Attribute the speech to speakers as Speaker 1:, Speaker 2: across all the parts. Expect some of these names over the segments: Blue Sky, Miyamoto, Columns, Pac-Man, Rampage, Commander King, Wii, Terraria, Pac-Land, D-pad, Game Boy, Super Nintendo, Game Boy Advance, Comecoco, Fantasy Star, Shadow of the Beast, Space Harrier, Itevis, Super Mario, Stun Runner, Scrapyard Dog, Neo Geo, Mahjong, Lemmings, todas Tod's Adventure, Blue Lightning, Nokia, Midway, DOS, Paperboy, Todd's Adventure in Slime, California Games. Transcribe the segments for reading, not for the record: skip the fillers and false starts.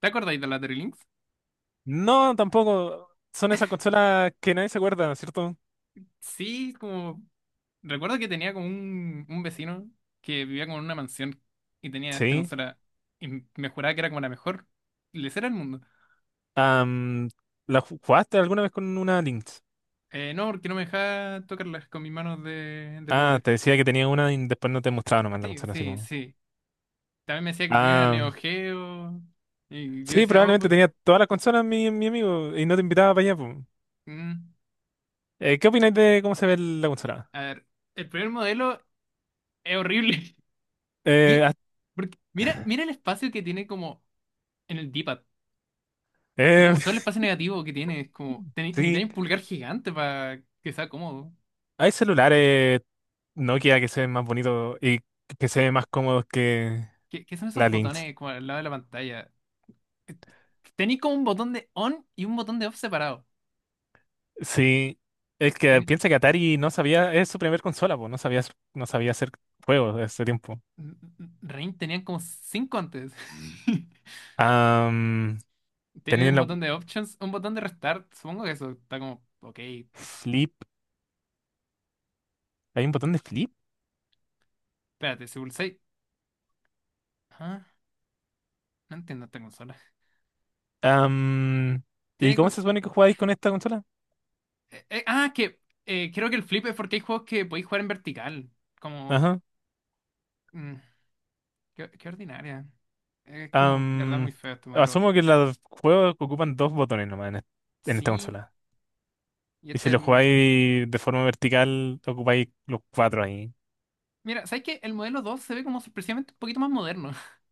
Speaker 1: ¿Te acordáis de la Terrylinks?
Speaker 2: No, tampoco. Son esas consolas que nadie se acuerda, ¿cierto?
Speaker 1: Sí, como... Recuerdo que tenía como un vecino que vivía como en una mansión y tenía esta
Speaker 2: Sí.
Speaker 1: consola, y me juraba que era como la mejor lesera del mundo.
Speaker 2: Am, ¿La jugaste alguna vez con una Lynx?
Speaker 1: No, porque no me dejaba tocarlas con mis manos de
Speaker 2: Ah,
Speaker 1: pobre.
Speaker 2: te decía que tenía una y después no te mostraba nomás la
Speaker 1: Sí,
Speaker 2: consola, así
Speaker 1: sí,
Speaker 2: como.
Speaker 1: sí. También me decía que tenía una
Speaker 2: Ah,
Speaker 1: Neo Geo, y yo
Speaker 2: sí,
Speaker 1: decía, oh,
Speaker 2: probablemente
Speaker 1: pues...
Speaker 2: tenía todas las consolas mi amigo y no te invitaba para allá. Po.
Speaker 1: mm,
Speaker 2: ¿Qué opináis de cómo se ve la consola?
Speaker 1: A ver, el primer modelo es horrible.
Speaker 2: Eh,
Speaker 1: ¿Qué?
Speaker 2: ah,
Speaker 1: Porque mira, mira el espacio que tiene como en el D-pad. Es
Speaker 2: eh,
Speaker 1: como todo el espacio negativo que tiene, es como, necesitas
Speaker 2: sí,
Speaker 1: un pulgar gigante para que sea cómodo.
Speaker 2: hay celulares Nokia que se ven más bonitos y que se
Speaker 1: Sí.
Speaker 2: ven más cómodos que
Speaker 1: ¿Qué, qué son esos
Speaker 2: la Lynx.
Speaker 1: botones como al lado de la pantalla? Eh, Tenéis como un botón de on y un botón de off separado.
Speaker 2: Sí, es que
Speaker 1: Ten...
Speaker 2: piensa que Atari no sabía, es su primer consola, pues no sabía hacer juegos de ese tiempo.
Speaker 1: Rain tenían como cinco antes.
Speaker 2: Am,
Speaker 1: Tienen
Speaker 2: tenían
Speaker 1: un
Speaker 2: la
Speaker 1: botón de options, un botón de restart. Supongo que eso está como, ok,
Speaker 2: flip, hay un botón de flip.
Speaker 1: espérate, si pulsáis. Ah, no entiendo esta consola.
Speaker 2: Am, ¿Y
Speaker 1: Tiene
Speaker 2: cómo
Speaker 1: como.
Speaker 2: se supone que jugáis con esta consola?
Speaker 1: Ah, que Creo que el flip es porque hay juegos que podéis jugar en vertical. Como.
Speaker 2: Ajá.
Speaker 1: mm, Qué, qué ordinaria. Es como, de verdad,
Speaker 2: Am,
Speaker 1: muy feo este modelo.
Speaker 2: asumo que los juegos ocupan dos botones nomás en esta
Speaker 1: Sí.
Speaker 2: consola.
Speaker 1: Y
Speaker 2: Y si
Speaker 1: este.
Speaker 2: lo
Speaker 1: el-
Speaker 2: jugáis de forma vertical, ocupáis los cuatro ahí.
Speaker 1: Mira, ¿sabes qué? El modelo 2 se ve como sorpresivamente un poquito más moderno.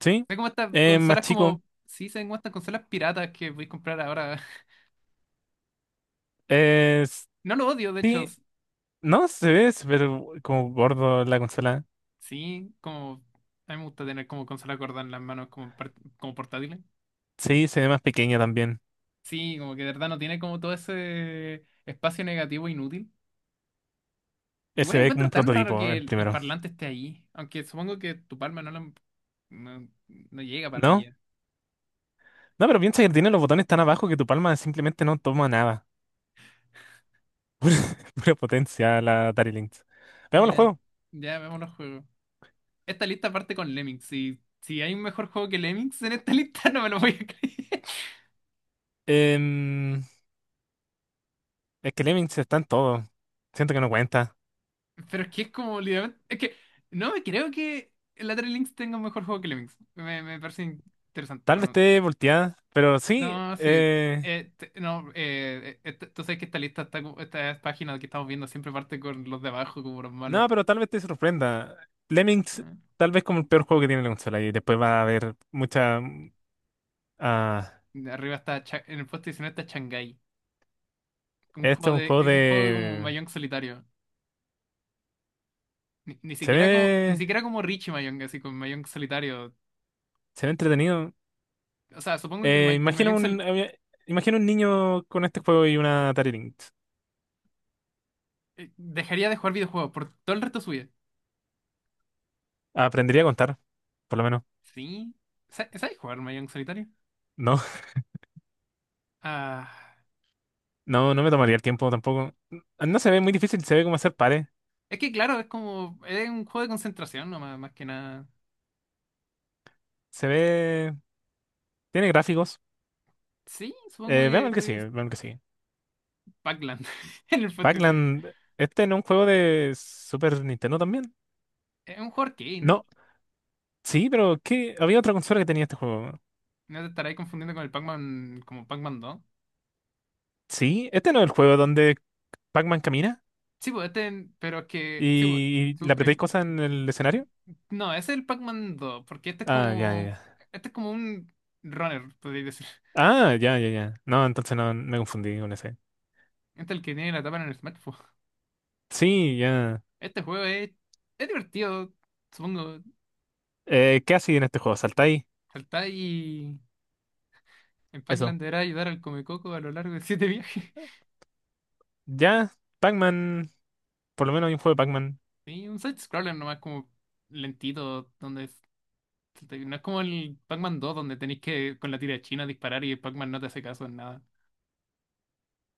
Speaker 2: ¿Sí?
Speaker 1: Se ve como estas
Speaker 2: Es más
Speaker 1: consolas
Speaker 2: chico.
Speaker 1: como. Sí, se ven como estas consolas piratas que voy a comprar ahora.
Speaker 2: Es,
Speaker 1: No lo odio, de hecho.
Speaker 2: sí, no se ve, pero como gordo la consola.
Speaker 1: Sí, como. A mí me gusta tener como consola gorda en las manos como, como portátiles.
Speaker 2: Sí, se ve más pequeña también.
Speaker 1: Sí, como que de verdad no tiene como todo ese espacio negativo inútil. Igual
Speaker 2: Se ve como
Speaker 1: encuentro
Speaker 2: un
Speaker 1: tan raro
Speaker 2: prototipo,
Speaker 1: que
Speaker 2: el
Speaker 1: el
Speaker 2: primero.
Speaker 1: parlante esté ahí. Aunque supongo que tu palma no lo. No, no llega para
Speaker 2: ¿No?
Speaker 1: allá.
Speaker 2: No, pero piensa que tiene los botones tan abajo que tu palma simplemente no toma nada. Pura potencia la Atari Lynx. Veamos el
Speaker 1: Ya, en-
Speaker 2: juego.
Speaker 1: ya vemos los juegos. Esta lista parte con Lemmings. Si hay un mejor juego que Lemmings en esta lista, no me lo voy a creer.
Speaker 2: Em, es que Lemmings está en todo. Siento que no cuenta.
Speaker 1: Pero es que es como literalmente. Es que no me creo que Lateral Links tenga un mejor juego que Lemmings. Me parece interesante.
Speaker 2: Tal vez
Speaker 1: Bueno,
Speaker 2: esté volteada, pero sí.
Speaker 1: no, sí.
Speaker 2: eh,
Speaker 1: Te- no, esta- Tú sabes que esta lista, está, esta página que estamos viendo siempre parte con los de abajo como los malos.
Speaker 2: no, pero tal vez te sorprenda. Lemmings,
Speaker 1: Ah.
Speaker 2: tal vez como el peor juego que tiene la consola. Y después va a haber mucha. ah,
Speaker 1: De arriba está, en el puesto 19 está Shanghai. Un
Speaker 2: esto
Speaker 1: juego
Speaker 2: es un
Speaker 1: de,
Speaker 2: juego
Speaker 1: un juego como
Speaker 2: de.
Speaker 1: Mahjong solitario. Ni, ni
Speaker 2: Se
Speaker 1: siquiera como, ni
Speaker 2: ve.
Speaker 1: siquiera como Richie Mayong, así con Mayong solitario.
Speaker 2: Se ve entretenido.
Speaker 1: O sea, supongo que el,
Speaker 2: Eh,
Speaker 1: el
Speaker 2: imagina
Speaker 1: Mahjong
Speaker 2: un, eh, imagina un niño con este juego y una Atari Lynx.
Speaker 1: dejaría de jugar videojuegos por todo el resto de su vida.
Speaker 2: Aprendería a contar, por lo menos.
Speaker 1: ¿Sí? Sabes jugar Mayong solitario?
Speaker 2: No,
Speaker 1: Ah,
Speaker 2: no me tomaría el tiempo tampoco. No se ve muy difícil, se ve como hacer pares.
Speaker 1: es que claro, es como, es un juego de concentración no más más que nada.
Speaker 2: Se ve. Tiene gráficos.
Speaker 1: Sí, supongo
Speaker 2: Veamos
Speaker 1: que
Speaker 2: el que sigue,
Speaker 1: pues
Speaker 2: veamos el que sigue.
Speaker 1: Pac-Land en el Fantasy.
Speaker 2: Pac-Land, este no es un juego de Super Nintendo también.
Speaker 1: Es un juego arcade.
Speaker 2: No, sí, pero ¿qué? Había otra consola que tenía este juego.
Speaker 1: No te estarás confundiendo con el Pac-Man, como Pac-Man 2.
Speaker 2: Sí, este no es el juego donde Pac-Man camina
Speaker 1: Sí, pues este, pero es que, sí, pues,
Speaker 2: y, le apretáis cosas en el escenario.
Speaker 1: No, ese es el Pac-Man 2 porque este es
Speaker 2: Ah, ya, ya.
Speaker 1: como.
Speaker 2: ya.
Speaker 1: Este es como un runner, podría decir.
Speaker 2: Ah, ya, ya, ya. No, entonces no me confundí con ese.
Speaker 1: Este es el que tiene la tapa en el smartphone.
Speaker 2: Sí, ya.
Speaker 1: Este juego es. Es divertido, supongo.
Speaker 2: ¿Qué hacéis en este juego? ¿Saltáis?
Speaker 1: Saltar y. En Pac-Man
Speaker 2: Eso.
Speaker 1: deberá ayudar al Comecoco a lo largo de siete viajes.
Speaker 2: Ya, Pac-Man. Por lo menos hay un juego de Pac-Man.
Speaker 1: Y un side-scroller nomás como lentito, no es como el Pac-Man 2 donde tenéis que con la tira china disparar y el Pac-Man no te hace caso en nada.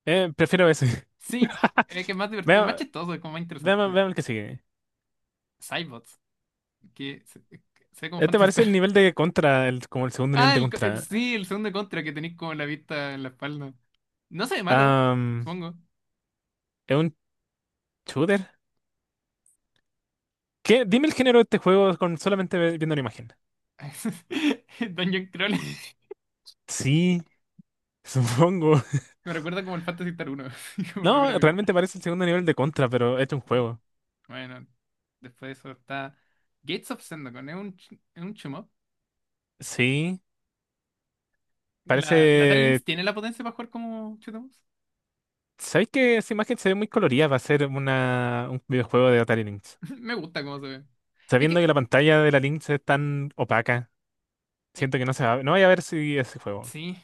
Speaker 2: Prefiero ese.
Speaker 1: Sí, es que es más divertido, es más
Speaker 2: Veamos,
Speaker 1: chistoso, es como más
Speaker 2: veamos,
Speaker 1: interesante.
Speaker 2: veamos el que sigue.
Speaker 1: Cybots, que se, se ve como
Speaker 2: Este parece
Speaker 1: fantasía.
Speaker 2: el nivel de Contra, como el segundo nivel de Contra.
Speaker 1: Sí, el segundo contra que tenéis como la vista en la espalda. No se ve malo,
Speaker 2: Am,
Speaker 1: supongo.
Speaker 2: ¿Es un shooter? ¿Qué? Dime el género de este juego con solamente viendo la imagen.
Speaker 1: Dungeon Crawl.
Speaker 2: Sí, supongo.
Speaker 1: Me recuerda como el Fantasy Star 1, como lo
Speaker 2: No,
Speaker 1: gráfico.
Speaker 2: realmente parece el segundo nivel de Contra, pero es un juego.
Speaker 1: Bueno, después de eso está Gates of Zendokon. Es un, es un shoot 'em up.
Speaker 2: Sí,
Speaker 1: La Atari Lynx
Speaker 2: parece.
Speaker 1: tiene la potencia para jugar como shoot 'em ups.
Speaker 2: ¿Sabéis que esa imagen se ve muy colorida para ser un videojuego de Atari Lynx?
Speaker 1: Me gusta cómo se ve. Es
Speaker 2: Sabiendo
Speaker 1: que,
Speaker 2: que la pantalla de la Lynx es tan opaca,
Speaker 1: eh,
Speaker 2: siento que no se va no voy a ver si ese juego.
Speaker 1: sí.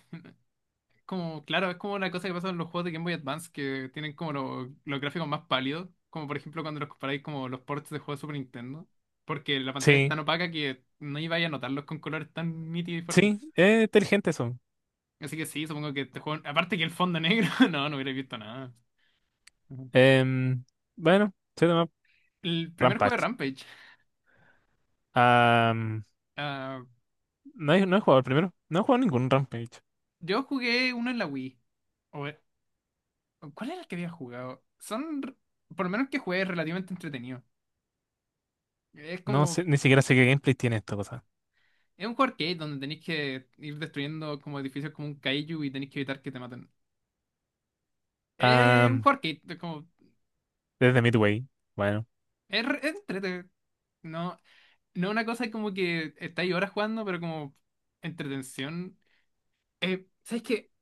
Speaker 1: Como, claro, es como una cosa que pasa en los juegos de Game Boy Advance que tienen como los gráficos más pálidos, como por ejemplo cuando los comparáis como los ports de juegos de Super Nintendo, porque la pantalla es
Speaker 2: Sí,
Speaker 1: tan opaca que no ibais a notarlos con colores tan nítidos y fuertes.
Speaker 2: sí, es inteligente eso.
Speaker 1: Así que sí, supongo que este juego, aparte que el fondo negro, no, no hubiera visto nada. Ujú.
Speaker 2: Em, bueno, se llama
Speaker 1: El primer juego de
Speaker 2: Rampage.
Speaker 1: Rampage,
Speaker 2: Am,
Speaker 1: ah,
Speaker 2: no, he, no he jugado el primero, no he jugado ningún Rampage.
Speaker 1: yo jugué uno en la Wii. O- ¿Cuál era el que había jugado? Son, por lo menos que jugué, es relativamente entretenido. Es
Speaker 2: No
Speaker 1: como.
Speaker 2: sé, ni siquiera sé qué gameplay tiene esta cosa.
Speaker 1: Es un juego arcade donde tenéis que ir destruyendo como edificios como un kaiju y tenéis que evitar que te maten. Es un
Speaker 2: Am,
Speaker 1: juego arcade, es como.
Speaker 2: desde Midway, bueno.
Speaker 1: Es, es entrete. No, no una cosa como que estáis horas jugando, pero como entretención. ¿Sabes qué?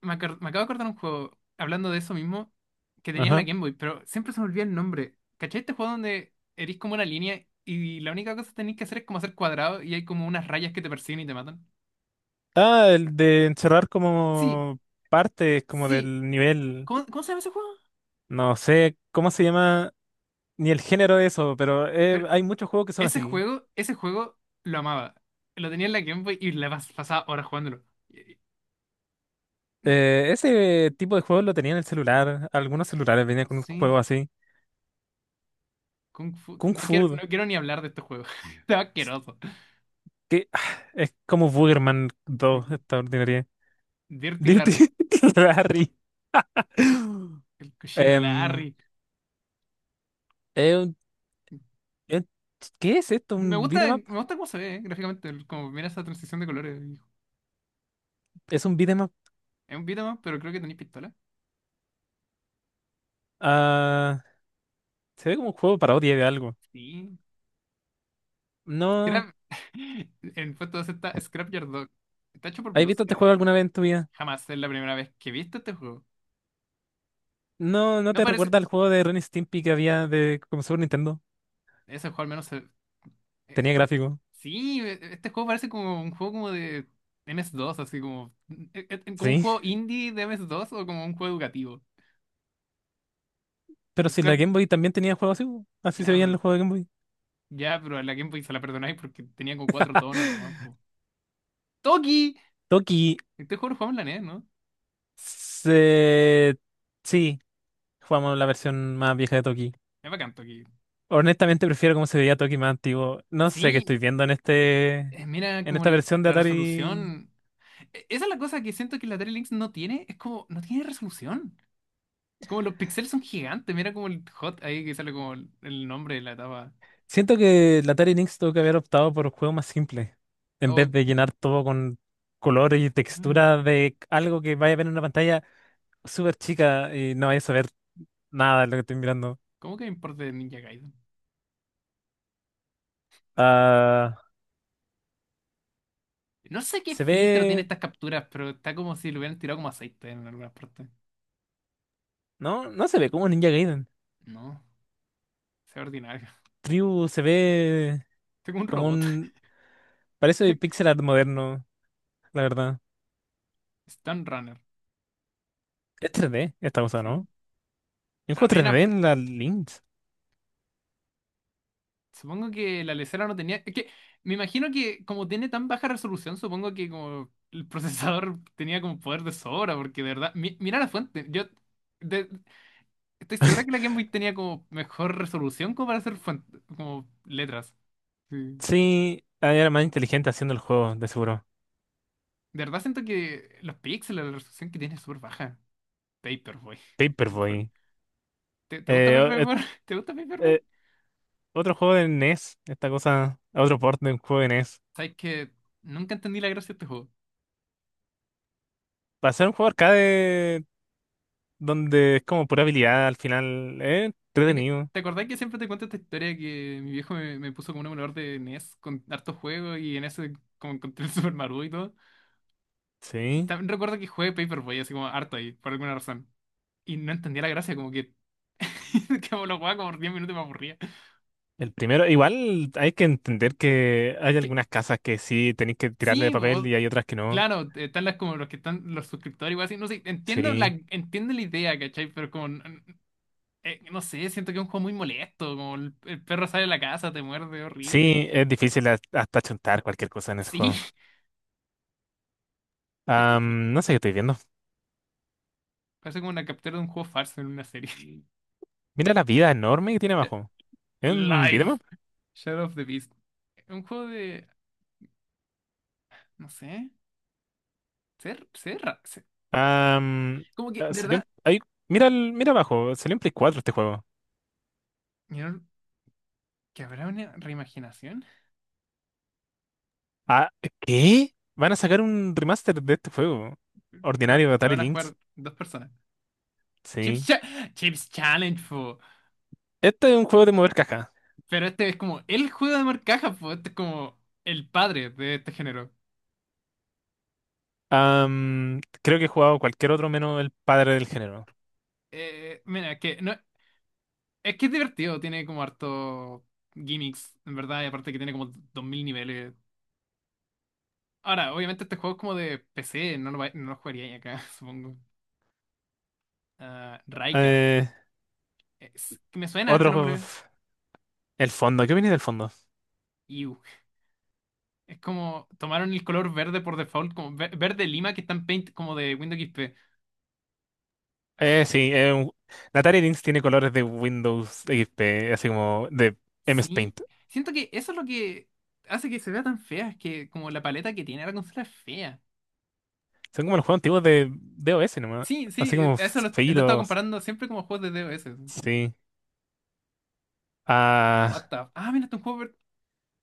Speaker 1: Me acabo de acordar un juego, hablando de eso mismo, que tenía en la
Speaker 2: Ajá.
Speaker 1: Game Boy, pero siempre se me olvida el nombre. ¿Cachai este juego donde eres como una línea y la única cosa que tenéis que hacer es como hacer cuadrados y hay como unas rayas que te persiguen y te matan?
Speaker 2: Ah, el de encerrar
Speaker 1: Sí,
Speaker 2: como partes, como
Speaker 1: sí.
Speaker 2: del nivel.
Speaker 1: ¿Cómo, cómo se llama ese juego?
Speaker 2: No sé, ¿cómo se llama? Ni el género de eso, pero hay muchos juegos que son
Speaker 1: Ese
Speaker 2: así.
Speaker 1: juego, ese juego lo amaba. Lo tenía en la Game Boy y la pasaba horas jugándolo. Y- y- mm,
Speaker 2: Ese tipo de juegos lo tenía en el celular. Algunos celulares venían con un
Speaker 1: Sí,
Speaker 2: juego así.
Speaker 1: Kung Fu.
Speaker 2: Kung
Speaker 1: No quiero,
Speaker 2: Fu,
Speaker 1: no quiero ni hablar de este juego. Está asqueroso.
Speaker 2: que es como Boogerman dos,
Speaker 1: Sí.
Speaker 2: esta ordinaria.
Speaker 1: Dirty
Speaker 2: Dirty
Speaker 1: Larry.
Speaker 2: Rally.
Speaker 1: El cochino
Speaker 2: Em,
Speaker 1: Larry.
Speaker 2: eh, un- eh, ¿Qué es esto? ¿Un beat'em up?
Speaker 1: Me gusta cómo se ve, gráficamente. Como mira esa transición de colores.
Speaker 2: Es un beat'em up.
Speaker 1: Es un beat'em up, pero creo que tenéis pistola.
Speaker 2: Ah, se ve como un juego parodia de algo.
Speaker 1: Sí.
Speaker 2: No,
Speaker 1: Scrap. En puesto 2 está Scrapyard Dog. Está hecho por
Speaker 2: ¿has
Speaker 1: Blue
Speaker 2: visto este
Speaker 1: Sky.
Speaker 2: juego alguna vez en tu vida?
Speaker 1: Jamás, es la primera vez que he visto este juego.
Speaker 2: No, ¿no
Speaker 1: No
Speaker 2: te
Speaker 1: parece.
Speaker 2: recuerda al juego de Ren y Stimpy que había de como Super Nintendo?
Speaker 1: Ese juego al menos se.
Speaker 2: Tenía gráfico.
Speaker 1: Sí, este juego parece como un juego como de ms dos así como, como un
Speaker 2: Sí,
Speaker 1: juego indie de ms dos o como un juego educativo.
Speaker 2: pero
Speaker 1: Es
Speaker 2: si la
Speaker 1: claro,
Speaker 2: Game Boy también tenía juegos así, así se
Speaker 1: ya,
Speaker 2: veían
Speaker 1: pero,
Speaker 2: los juegos de Game Boy.
Speaker 1: ya, pero a la Game Boy se la perdonáis porque tenía como cuatro tonos nomás. Po. ¡Toki!
Speaker 2: Toki,
Speaker 1: Este juego lo jugamos en la NES, ¿no?
Speaker 2: se... sí, jugamos la versión más vieja de Toki.
Speaker 1: Es bacán, Toki.
Speaker 2: Honestamente prefiero cómo se veía Toki más antiguo. No sé qué
Speaker 1: Sí,
Speaker 2: estoy viendo
Speaker 1: mira
Speaker 2: en
Speaker 1: como
Speaker 2: esta versión de
Speaker 1: la
Speaker 2: Atari.
Speaker 1: resolución. Esa es la cosa que siento que la Atari Lynx no tiene, es como, no tiene resolución. Como los píxeles son gigantes, mira como el hot ahí que sale como el nombre de la etapa.
Speaker 2: Siento que la Atari Lynx tuvo que haber optado por juegos más simples, en vez
Speaker 1: Oh,
Speaker 2: de llenar todo con color y
Speaker 1: mm.
Speaker 2: textura de algo que vaya a ver en una pantalla súper chica y no vaya a saber nada de lo que estoy mirando.
Speaker 1: ¿Cómo que me importa de Ninja Gaiden?
Speaker 2: Ah,
Speaker 1: No sé qué
Speaker 2: se
Speaker 1: filtro tiene
Speaker 2: ve
Speaker 1: estas capturas, pero está como si lo hubieran tirado como aceite en algunas partes.
Speaker 2: No, no se ve como Ninja Gaiden.
Speaker 1: No, sea ordinario.
Speaker 2: Tribu se ve
Speaker 1: Estoy como un
Speaker 2: como
Speaker 1: robot.
Speaker 2: un. Parece pixel art moderno, la verdad.
Speaker 1: Stun Runner,
Speaker 2: Es 3D esta cosa,
Speaker 1: sí.
Speaker 2: ¿no? Y un juego
Speaker 1: Apenas.
Speaker 2: 3D en la Lynx.
Speaker 1: Supongo que la lesera no tenía. Es que me imagino que como tiene tan baja resolución, supongo que como el procesador tenía como poder de sobra, porque de verdad. Mira la fuente. Yo de- estoy segura que la Game Boy tenía como mejor resolución como para hacer como letras. Sí.
Speaker 2: Sí, era más inteligente haciendo el juego, de seguro.
Speaker 1: De verdad siento que los píxeles, la resolución que tiene es súper baja. Paperboy. El for-
Speaker 2: Paperboy.
Speaker 1: ¿Te, te gusta
Speaker 2: Eh, o- eh,
Speaker 1: Paperboy? ¿Te gusta Paperboy?
Speaker 2: eh, otro juego de NES, esta cosa, otro port de un juego de NES.
Speaker 1: Sabes que nunca entendí la gracia de este juego.
Speaker 2: Para ser un juego arcade donde es como pura habilidad al final, entretenido.
Speaker 1: ¿Te acordás que siempre te cuento esta historia que mi viejo me, me puso como un emulador de NES con hartos juegos y en ese como encontré el Super Mario y todo?
Speaker 2: Sí.
Speaker 1: También recuerdo que jugué Paperboy así como harto ahí, por alguna razón. Y no entendía la gracia, como que, que la jugaba como por 10 minutos y me aburría.
Speaker 2: El primero, igual hay que entender que hay
Speaker 1: Es que
Speaker 2: algunas casas que sí tenéis que tirarle el
Speaker 1: sí,
Speaker 2: papel y hay otras que no.
Speaker 1: claro, están las como los que están los suscriptores igual así, no sé,
Speaker 2: Sí.
Speaker 1: entiendo la idea, ¿cachai? Pero como no sé, siento que es un juego muy molesto, como el perro sale de la casa, te muerde, horrible.
Speaker 2: Sí, es difícil hasta chuntar cualquier cosa en ese
Speaker 1: Sí,
Speaker 2: juego.
Speaker 1: ¿qué te fue?
Speaker 2: No sé qué estoy viendo.
Speaker 1: Parece como una captura de un juego falso en una serie.
Speaker 2: Mira la vida enorme que tiene abajo. ¿Es un
Speaker 1: Live,
Speaker 2: videomap?
Speaker 1: Shadow of the Beast. Un juego de no sé, ser ser ra- ser-
Speaker 2: Am,
Speaker 1: como que de
Speaker 2: Salió,
Speaker 1: verdad,
Speaker 2: mira, mira abajo, salió en Play 4 este juego.
Speaker 1: ¿vieron que habrá una reimaginación?
Speaker 2: Ah, ¿qué? Van a sacar un remaster de este juego. Ordinario de
Speaker 1: Lo
Speaker 2: Atari
Speaker 1: van a
Speaker 2: Lynx.
Speaker 1: jugar dos personas. Chips,
Speaker 2: Sí.
Speaker 1: Cha- Chips Challenge.
Speaker 2: Este es un juego de mover cajas.
Speaker 1: Pero este es como el juego de marcajas, pues este es como el padre de este género.
Speaker 2: Creo que he jugado cualquier otro menos el padre del género.
Speaker 1: Mira, que no, es que es divertido, tiene como harto gimmicks, en verdad, y aparte que tiene como 2000 niveles. Ahora, obviamente este juego es como de PC, no lo, no lo jugaría ahí acá, supongo. Ah, Raikar.
Speaker 2: Eh,
Speaker 1: Que me suena este
Speaker 2: otro,
Speaker 1: nombre.
Speaker 2: el fondo. ¿Qué opinas del fondo?
Speaker 1: Iu. Es como tomaron el color verde por default, como verde lima que está en Paint como de Windows XP.
Speaker 2: Sí, la Atari Lynx tiene colores de Windows XP, así como de MS
Speaker 1: Sí,
Speaker 2: Paint.
Speaker 1: siento que eso es lo que hace que se vea tan fea, es que como la paleta que tiene la consola es fea.
Speaker 2: Son como los juegos antiguos de DOS nomás.
Speaker 1: Sí,
Speaker 2: Así
Speaker 1: sí,
Speaker 2: como
Speaker 1: eso lo he estado
Speaker 2: feitos.
Speaker 1: comparando siempre como juegos de D O S.
Speaker 2: Sí.
Speaker 1: What
Speaker 2: Ah,
Speaker 1: the... Ah, mira, este es un juego per-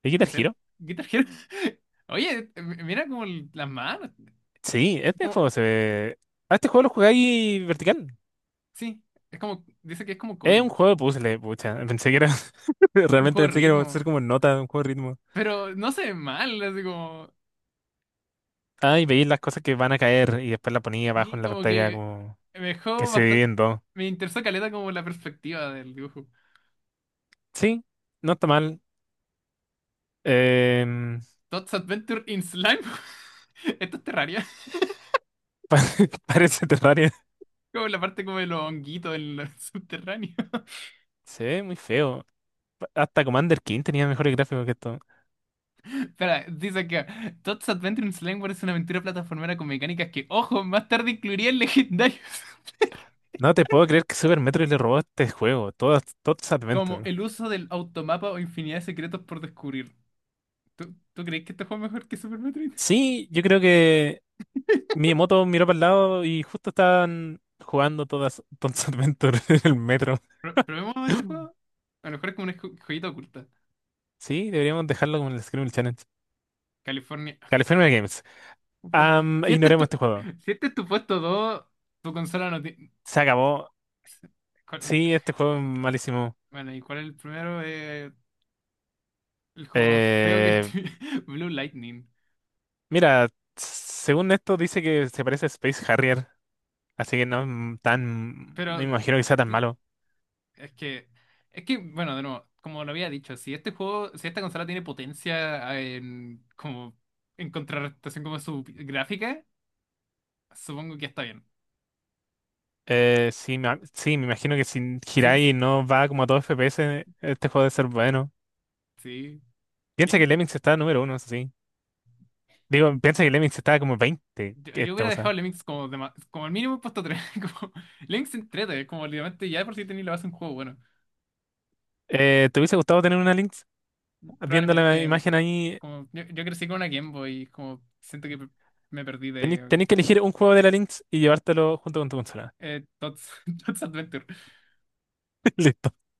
Speaker 2: ¿y Guitar
Speaker 1: que se
Speaker 2: Hero?
Speaker 1: Guitar Hero. Oye, mira como las manos.
Speaker 2: Sí, este
Speaker 1: Como...
Speaker 2: juego se ve. Ah, este juego lo jugáis vertical.
Speaker 1: Sí, es como, dice que es como
Speaker 2: Es un
Speaker 1: Columns,
Speaker 2: juego de puzzle, pucha. Pensé que era.
Speaker 1: un
Speaker 2: Realmente
Speaker 1: juego de
Speaker 2: pensé que iba a ser
Speaker 1: ritmo.
Speaker 2: como nota, un juego de ritmo.
Speaker 1: Pero no se ve mal, así como...
Speaker 2: Ah, y veis las cosas que van a caer y después la ponía abajo
Speaker 1: Sí,
Speaker 2: en la
Speaker 1: como
Speaker 2: pantalla
Speaker 1: que
Speaker 2: como
Speaker 1: me
Speaker 2: que
Speaker 1: dejó
Speaker 2: se
Speaker 1: bastante...
Speaker 2: divide dos.
Speaker 1: Me interesó caleta como la perspectiva del dibujo.
Speaker 2: Sí, no está mal. Em,
Speaker 1: Todd's Adventure in Slime. Esto es Terraria.
Speaker 2: parece Terraria.
Speaker 1: Como la parte como de los honguitos en lo subterráneo.
Speaker 2: Se ve muy feo. Hasta Commander King tenía mejores gráficos que esto.
Speaker 1: Espera, dice acá. Todd's Adventure in Slime es una aventura plataformera con mecánicas que, ojo, más tarde incluirían legendarios.
Speaker 2: No te puedo creer que Super Metroid le robó este juego, todas Tod's
Speaker 1: Como
Speaker 2: Adventure.
Speaker 1: el uso del automapa o infinidad de secretos por descubrir. ¿Tú, tú crees que este juego es mejor que Super Metroid?
Speaker 2: Sí, yo creo que Miyamoto miró para el lado y justo estaban jugando todas Tod's Adventure en el metro.
Speaker 1: ¿Probemos este juego? A lo mejor es como una joyita oculta.
Speaker 2: Sí, deberíamos dejarlo como el Scream Challenge.
Speaker 1: California.
Speaker 2: California Games. Am,
Speaker 1: Si este es
Speaker 2: ignoremos
Speaker 1: tu,
Speaker 2: este juego.
Speaker 1: si este es tu puesto 2, tu consola no tiene...
Speaker 2: Se acabó.
Speaker 1: ¿Cuál es-
Speaker 2: Sí, este juego es malísimo.
Speaker 1: Bueno, ¿y cuál es el primero? El juego más feo que
Speaker 2: Eh,
Speaker 1: estoy. Blue Lightning.
Speaker 2: mira, según esto dice que se parece a Space Harrier, así que no es tan, no
Speaker 1: Pero
Speaker 2: me imagino que sea tan
Speaker 1: sí,
Speaker 2: malo.
Speaker 1: es que. Es que, bueno, de nuevo, como lo había dicho, si este juego, si esta consola tiene potencia ah, en como en contrarrestación como su gráfica, supongo que está bien.
Speaker 2: Sí, sí, me imagino que si
Speaker 1: Sí,
Speaker 2: Hirai
Speaker 1: sí,
Speaker 2: no va como a todo FPS, este juego debe ser bueno.
Speaker 1: sí.
Speaker 2: Piensa
Speaker 1: ¿Qué?
Speaker 2: que Lemmings está número uno, eso sí. Digo, piensa que Lemmings está como 20,
Speaker 1: Yo,
Speaker 2: que
Speaker 1: yo
Speaker 2: esta
Speaker 1: hubiera dejado
Speaker 2: cosa.
Speaker 1: Lemmings como de como el mínimo puesto tres. Como, Lemmings entrete, como literalmente ya de por si tenía la base de un juego bueno.
Speaker 2: ¿Te hubiese gustado tener una Lynx? Viendo la
Speaker 1: Probablemente,
Speaker 2: imagen ahí,
Speaker 1: como yo crecí con una Game Boy, como siento que me perdí de
Speaker 2: tenéis que elegir un juego de la Lynx y llevártelo junto con tu consola.
Speaker 1: Tots, Tots Adventure.